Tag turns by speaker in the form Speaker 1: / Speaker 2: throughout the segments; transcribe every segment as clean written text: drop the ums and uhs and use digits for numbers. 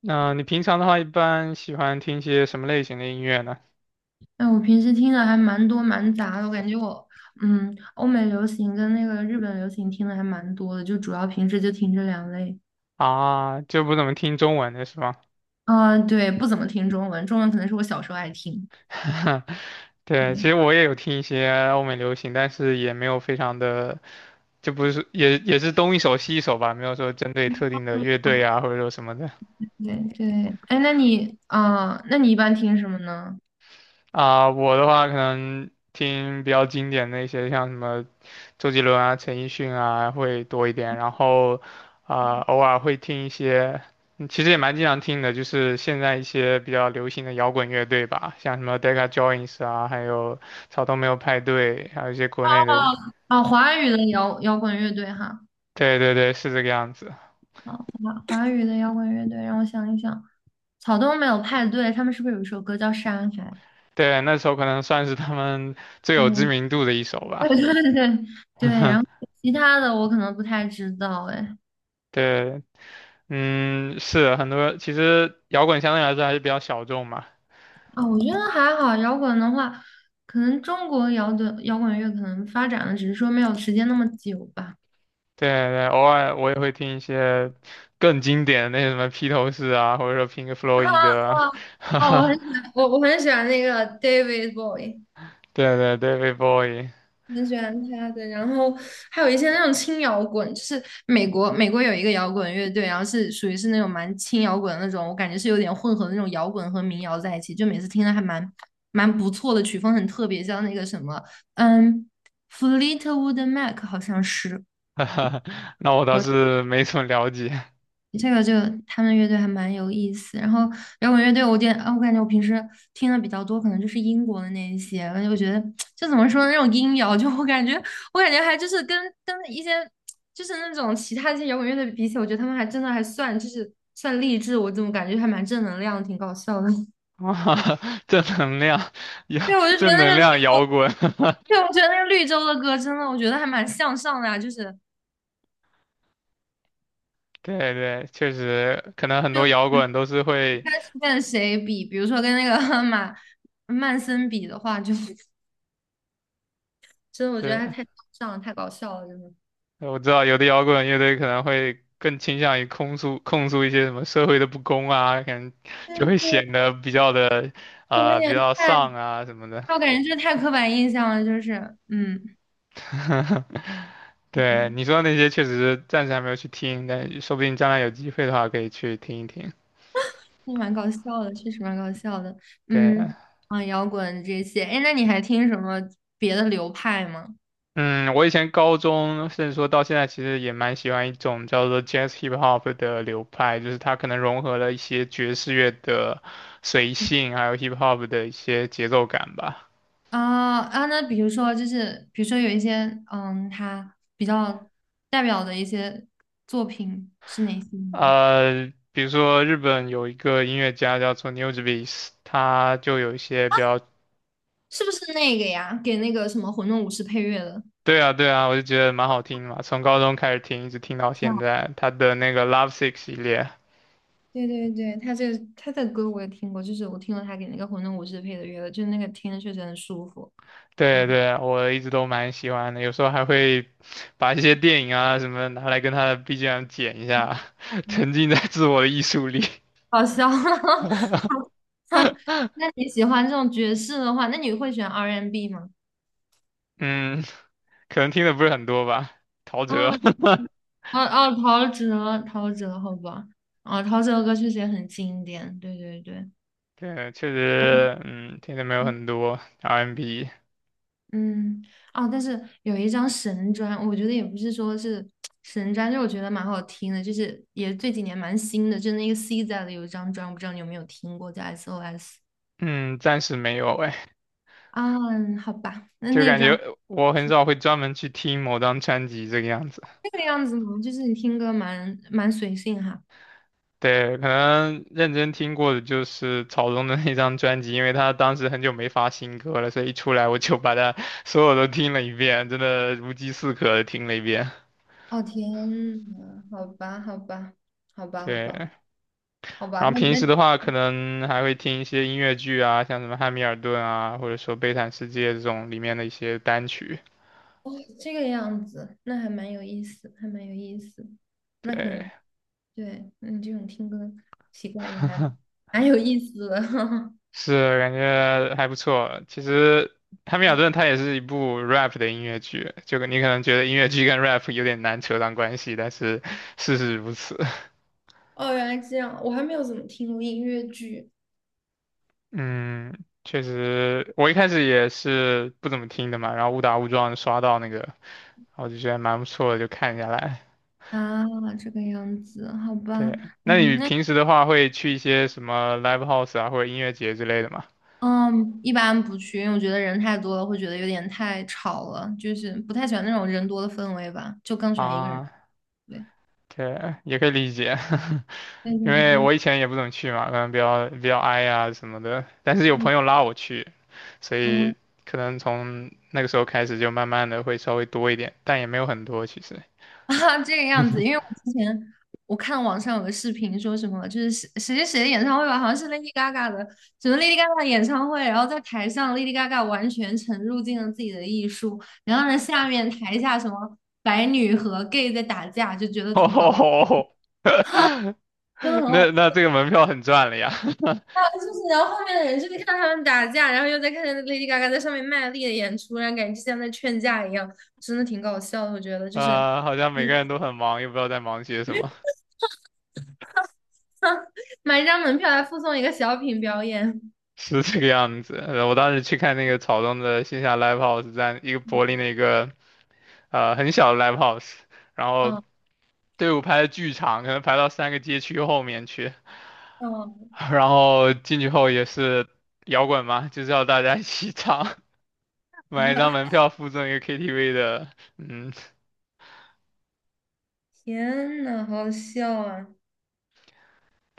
Speaker 1: 那你平常的话，一般喜欢听些什么类型的音乐呢？
Speaker 2: 哎，我平时听的还蛮多蛮杂的，我感觉我，嗯，欧美流行跟那个日本流行听的还蛮多的，就主要平时就听这两类。
Speaker 1: 啊，就不怎么听中文的是吗？
Speaker 2: 啊，对，不怎么听中文，中文可能是我小时候爱听。
Speaker 1: 对，其
Speaker 2: 对
Speaker 1: 实我也有听一些欧美流行，但是也没有非常的，就不是也是东一首西一首吧，没有说针对特定的乐队啊，或者说什么的。
Speaker 2: 对对，哎，那你一般听什么呢？
Speaker 1: 啊、我的话可能听比较经典的一些，像什么周杰伦啊、陈奕迅啊会多一点，然后啊、偶尔会听一些，其实也蛮经常听的，就是现在一些比较流行的摇滚乐队吧，像什么 Deca Joins 啊，还有草东没有派对，还有一些国内的，
Speaker 2: 啊，华语的摇滚乐队哈，
Speaker 1: 对对对，是这个样子。
Speaker 2: 啊，华语的摇滚乐队，让我想一想，草东没有派对，他们是不是有一首歌叫《山海》？
Speaker 1: 对，那时候可能算是他们 最有知
Speaker 2: 嗯，
Speaker 1: 名度的一首吧。
Speaker 2: 对对对，然后 其他的我可能不太知道，哎。
Speaker 1: 对，嗯，是很多，其实摇滚相对来说还是比较小众嘛，
Speaker 2: 啊、我觉得还好。摇滚的话，可能中国摇滚乐可能发展的只是说没有时间那么久吧。
Speaker 1: 对对，偶尔我也会听一些更经典的那些什么披头士啊，或者说 Pink Floyd 啊，哈
Speaker 2: 哦，我很
Speaker 1: 哈
Speaker 2: 喜欢我我很喜欢那个 David Bowie，
Speaker 1: 对对对，David Bowie，
Speaker 2: 很喜欢他的。然后还有一些那种轻摇滚，就是美国有一个摇滚乐队，然后是属于是那种蛮轻摇滚的那种，我感觉是有点混合那种摇滚和民谣在一起，就每次听的还蛮不错的，曲风很特别，像那个什么，嗯，Fleetwood Mac 好像是。
Speaker 1: 哈哈那我倒是没什么了解，
Speaker 2: 这个他们乐队还蛮有意思，然后摇滚乐队我点啊，我感觉我平时听的比较多，可能就是英国的那一些，而且我觉得就怎么说呢，那种音摇，就我感觉还就是跟一些就是那种其他一些摇滚乐队比起来，我觉得他们还真的还算就是算励志，我怎么感觉还蛮正能量，挺搞笑的。
Speaker 1: 哇正能量，摇
Speaker 2: 对，我就觉得
Speaker 1: 正
Speaker 2: 那
Speaker 1: 能
Speaker 2: 个绿
Speaker 1: 量
Speaker 2: 洲，
Speaker 1: 摇滚，
Speaker 2: 对，我觉得那个绿洲的歌真的，我觉得还蛮向上的啊，就是
Speaker 1: 对对，确实，可能很多摇滚都是
Speaker 2: 你
Speaker 1: 会，
Speaker 2: 看是跟谁比，比如说跟那个 马曼森比的话，就 真的，我觉得他
Speaker 1: 对。
Speaker 2: 太搞笑了，太搞笑了，真的。
Speaker 1: 我知道有的摇滚乐队可能会更倾向于控诉一些什么社会的不公啊，可能
Speaker 2: 但
Speaker 1: 就会
Speaker 2: 是
Speaker 1: 显得比较的
Speaker 2: 有一
Speaker 1: 啊、比
Speaker 2: 点
Speaker 1: 较
Speaker 2: 太，
Speaker 1: 丧啊什么的。
Speaker 2: 我感觉这太刻板印象了，就是，
Speaker 1: 对，
Speaker 2: 对，
Speaker 1: 你说的那些确实是暂时还没有去听，但说不定将来有机会的话可以去听一听。
Speaker 2: 是蛮搞笑的，确实蛮搞笑的，
Speaker 1: 对，
Speaker 2: 嗯，啊，摇滚这些，哎，那你还听什么别的流派吗？
Speaker 1: 嗯，我以前高中甚至说到现在，其实也蛮喜欢一种叫做 Jazz Hip Hop 的流派，就是它可能融合了一些爵士乐的随性，还有 Hip Hop 的一些节奏感吧。
Speaker 2: 啊啊，那比如说有一些，他比较代表的一些作品是哪些呢？
Speaker 1: 呃，比如说日本有一个音乐家叫做 NewJeans，他就有一些比较，
Speaker 2: 是不是那个呀？给那个什么《混沌武士》配乐的？
Speaker 1: 对啊对啊，我就觉得蛮好听的嘛，从高中开始听，一直听到现在，他的那个 Love Sick 系列，
Speaker 2: 对对对，他这个他的歌我也听过，就是我听了他给那个《混沌武士》配的乐，就是那个听着确实很舒服。
Speaker 1: 对
Speaker 2: 嗯，
Speaker 1: 对啊，我一直都蛮喜欢的，有时候还会把一些电影啊什么拿来跟他的 BGM 剪一下，
Speaker 2: 嗯，
Speaker 1: 沉浸在自我的艺术里。
Speaker 2: 好笑，好 笑。那你喜欢这种爵士的话，那你会选 R&B N 吗？
Speaker 1: 嗯，可能听的不是很多吧，陶喆，
Speaker 2: 啊啊啊！陶喆，陶喆，好吧，啊，陶喆的歌确实也很经典。对对对，
Speaker 1: 对，确实，嗯，听的没有很多 R&B m。
Speaker 2: 嗯，哦，但是有一张神专，我觉得也不是说是神专，就是我觉得蛮好听的，就是也这几年蛮新的，就是那个 C z 的有一张专，我不知道你有没有听过，叫 SOS
Speaker 1: 嗯，暂时没有哎，
Speaker 2: 啊，好吧，那
Speaker 1: 就
Speaker 2: 那
Speaker 1: 感觉
Speaker 2: 张
Speaker 1: 我很
Speaker 2: 是
Speaker 1: 少会专门去听某张专辑这个样子。
Speaker 2: 这个样子吗？就是你听歌蛮随性哈。
Speaker 1: 对，可能认真听过的就是草东的那张专辑，因为他当时很久没发新歌了，所以一出来我就把他所有都听了一遍，真的如饥似渴的听了一遍。
Speaker 2: 哦天呐，好吧，好吧，好吧，好吧，
Speaker 1: 对，
Speaker 2: 好吧，
Speaker 1: 然后
Speaker 2: 那
Speaker 1: 平
Speaker 2: 那
Speaker 1: 时的话，可能还会听一些音乐剧啊，像什么《汉密尔顿》啊，或者说《悲惨世界》这种里面的一些单曲。
Speaker 2: 哦这个样子，那还蛮有意思，还蛮有意思，那可
Speaker 1: 对，
Speaker 2: 能。对，你这种听歌习惯也还 蛮有意思的。
Speaker 1: 是，感觉还不错。其实《汉密尔
Speaker 2: 嗯
Speaker 1: 顿》它也是一部 rap 的音乐剧，就你可能觉得音乐剧跟 rap 有点难扯上关系，但是事实如此。
Speaker 2: 哦，原来这样，我还没有怎么听过音乐剧
Speaker 1: 嗯，确实，我一开始也是不怎么听的嘛，然后误打误撞刷到那个，我就觉得蛮不错的，就看下来。
Speaker 2: 啊，这个样子，好吧，
Speaker 1: 对，那你平时的话会去一些什么 live house 啊，或者音乐节之类的吗？
Speaker 2: 嗯，一般不去，因为我觉得人太多了，会觉得有点太吵了，就是不太喜欢那种人多的氛围吧，就更喜欢一个人。
Speaker 1: 啊，
Speaker 2: 对，
Speaker 1: 对，也可以理解。
Speaker 2: 对
Speaker 1: 因
Speaker 2: 对
Speaker 1: 为
Speaker 2: 对
Speaker 1: 我以前也不怎么去嘛，可能比较矮呀什么的，但是有
Speaker 2: 对，
Speaker 1: 朋友拉我去，所
Speaker 2: 好啦
Speaker 1: 以可能从那个时候开始就慢慢的会稍微多一点，但也没有很多其实。
Speaker 2: 啊，这个样子，因为我之前看网上有个视频说什么，就是谁谁谁谁的演唱会吧，好像是 Lady Gaga 的，什么 Lady Gaga 演唱会，然后在台上 Lady Gaga 完全沉入进了自己的艺术，然后呢下面台下什么白女和 gay 在打架，就觉得 挺搞笑，
Speaker 1: 哦，
Speaker 2: 真的很
Speaker 1: 那
Speaker 2: 好
Speaker 1: 那这个门票很赚了呀，
Speaker 2: 笑，就是然后后面的人就在看他们打架，然后又在看 Lady Gaga 在上面卖力的演出，然后感觉就像在劝架一样，真的挺搞笑的，我觉得 就是，
Speaker 1: 呃，好像每个
Speaker 2: 嗯，
Speaker 1: 人都很忙，又不知道在忙些什么，
Speaker 2: 买一张门票来附送一个小品表演，
Speaker 1: 是这个样子。呃我当时去看那个草东的线下 live house，在一个柏林的一个呃很小的 live house，然后
Speaker 2: 嗯。
Speaker 1: 队伍排的巨长，可能排到三个街区后面去。
Speaker 2: 哦
Speaker 1: 然后进去后也是摇滚嘛，就是要大家一起唱，买一张
Speaker 2: 啊！
Speaker 1: 门票附赠一个 KTV 的，嗯，
Speaker 2: 天呐，好笑啊！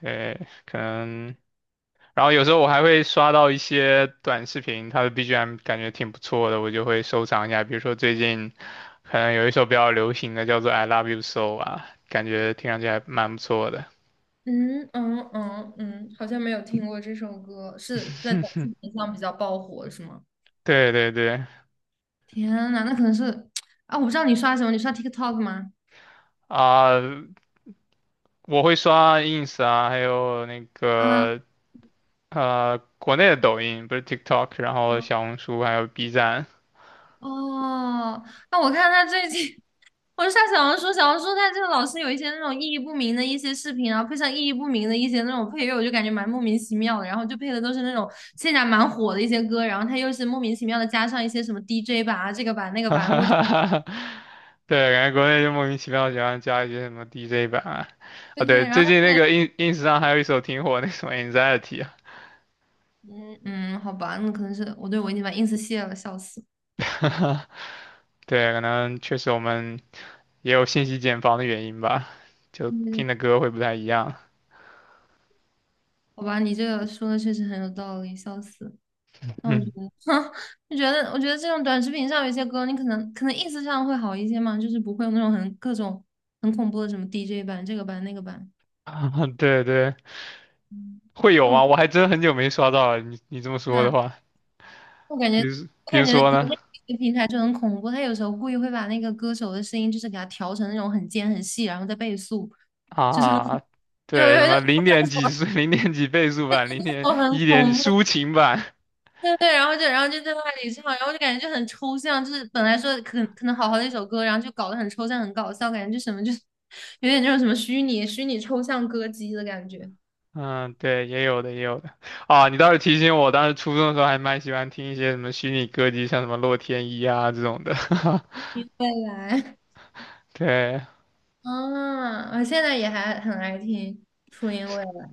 Speaker 1: 对，可能。然后有时候我还会刷到一些短视频，它的 BGM 感觉挺不错的，我就会收藏一下。比如说最近可能有一首比较流行的叫做《I Love You So》啊，感觉听上去还蛮不错的。
Speaker 2: 嗯嗯嗯嗯，好像没有听过这首歌，是在短视 频上比较爆火，是吗？
Speaker 1: 对对对，
Speaker 2: 天呐，那可能是 啊，我不知道你刷什么，你刷 TikTok 吗？
Speaker 1: 啊、我会刷 ins 啊，还有那
Speaker 2: 啊
Speaker 1: 个呃国内的抖音，不是 TikTok，然后小红书还有 B 站，
Speaker 2: 哦，那我看他最近，我就上小红书。小红书他这个老是有一些那种意义不明的一些视频，然后配上意义不明的一些那种配乐，我就感觉蛮莫名其妙的。然后就配的都是那种现在蛮火的一些歌，然后他又是莫名其妙的加上一些什么 DJ 版啊，这个版那 个
Speaker 1: 哈
Speaker 2: 版，
Speaker 1: 哈
Speaker 2: 我
Speaker 1: 哈哈对，感觉国内就莫名其妙喜欢加一些什么 DJ 版啊，啊
Speaker 2: 对对，
Speaker 1: 对，
Speaker 2: 然后
Speaker 1: 最
Speaker 2: 他
Speaker 1: 近
Speaker 2: 后
Speaker 1: 那
Speaker 2: 来
Speaker 1: 个 ins 上还有一首挺火的，那什么 Anxiety 啊，
Speaker 2: 嗯嗯，好吧，那可能，对，我已经把 ins 卸了，笑死。
Speaker 1: 对，可能确实我们也有信息茧房的原因吧，就
Speaker 2: 嗯，
Speaker 1: 听的歌会不太一样，
Speaker 2: 好吧，你这个说的确实很有道理，笑死。那
Speaker 1: 嗯，
Speaker 2: 哼，就觉得我觉得这种短视频上有一些歌，你可能意思上会好一些嘛，就是不会有那种很各种很恐怖的什么 DJ 版、这个版、那个版。
Speaker 1: 对对，
Speaker 2: 嗯
Speaker 1: 会有
Speaker 2: 那我
Speaker 1: 吗？我还真很久没刷到了，你这么说的
Speaker 2: 那
Speaker 1: 话，
Speaker 2: 我感
Speaker 1: 比
Speaker 2: 觉
Speaker 1: 如
Speaker 2: 我
Speaker 1: 比
Speaker 2: 感
Speaker 1: 如
Speaker 2: 觉
Speaker 1: 说
Speaker 2: 国
Speaker 1: 呢？
Speaker 2: 内有些平台就很恐怖，他有时候故意会把那个歌手的声音就是给他调成那种很尖很细，然后再倍速，就是
Speaker 1: 啊，
Speaker 2: 就有
Speaker 1: 对，什
Speaker 2: 有一种
Speaker 1: 么零
Speaker 2: 叫
Speaker 1: 点
Speaker 2: 什
Speaker 1: 几
Speaker 2: 么，
Speaker 1: 速、零点几倍速版、零 点
Speaker 2: 就很
Speaker 1: 一点
Speaker 2: 恐怖。
Speaker 1: 抒情版，
Speaker 2: 对对，然后就然后就在那里唱，然后就感觉就很抽象，就是本来说可能好好的一首歌，然后就搞得很抽象、很搞笑，感觉就什么就是 有点那种什么虚拟抽象歌姬的感觉。
Speaker 1: 嗯，对，也有的，也有的。啊，你倒是提醒我，当时初中的时候还蛮喜欢听一些什么虚拟歌姬，像什么洛天依啊这种的。
Speaker 2: 你未来，
Speaker 1: 对，
Speaker 2: 啊，我现在也还很爱听初音未来。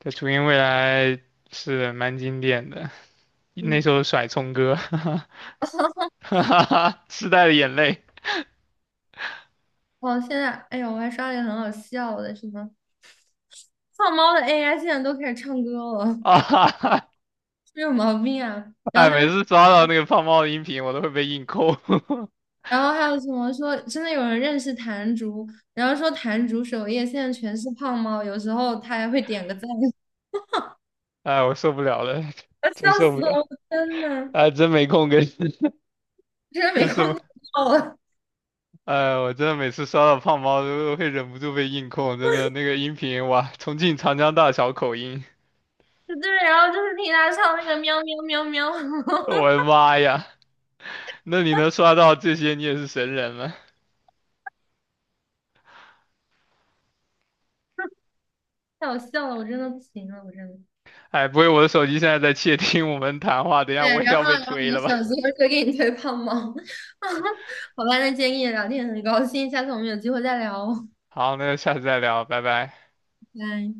Speaker 1: 在初音未来是蛮经典的，
Speaker 2: 嗯，
Speaker 1: 那首甩葱歌，哈哈哈，时代的眼泪
Speaker 2: 哦，现在哎呦，我还刷了一个很好笑的，什么胖猫的 AI 现在都开始唱歌了，
Speaker 1: 啊，哈哈，
Speaker 2: 是有毛病啊！然
Speaker 1: 哎，
Speaker 2: 后他
Speaker 1: 每
Speaker 2: 们。
Speaker 1: 次刷到那个胖猫的音频，我都会被硬扣，
Speaker 2: 然后还有什么说，真的有人认识谭竹，然后说谭竹首页现在全是胖猫，有时候他还会点个赞，
Speaker 1: 哎，我受不了了，真
Speaker 2: 笑
Speaker 1: 受
Speaker 2: 死
Speaker 1: 不
Speaker 2: 了，
Speaker 1: 了。
Speaker 2: 我天呐，
Speaker 1: 哎，真没空跟
Speaker 2: 真的没
Speaker 1: 这
Speaker 2: 空
Speaker 1: 是，
Speaker 2: 看到了。
Speaker 1: 哎，我真的每次刷到胖猫都会忍不住被硬控，真的那个音频哇，重庆长江大桥口音，
Speaker 2: 对然后就是听他唱那个喵喵喵喵，
Speaker 1: 我的妈呀，那你能刷到这些，你也是神人了。
Speaker 2: 太好笑了，我真的不行了，我真的。
Speaker 1: 哎，不会我的手机现在在窃听我们谈话，等一
Speaker 2: 对，
Speaker 1: 下我也
Speaker 2: 然
Speaker 1: 要
Speaker 2: 后
Speaker 1: 被
Speaker 2: 然后
Speaker 1: 推
Speaker 2: 你的
Speaker 1: 了吧？
Speaker 2: 手机会给你推胖猫，好吧，那今天跟你聊天很高兴，下次我们有机会再聊哦
Speaker 1: 好，那就下次再聊，拜拜。
Speaker 2: 拜拜。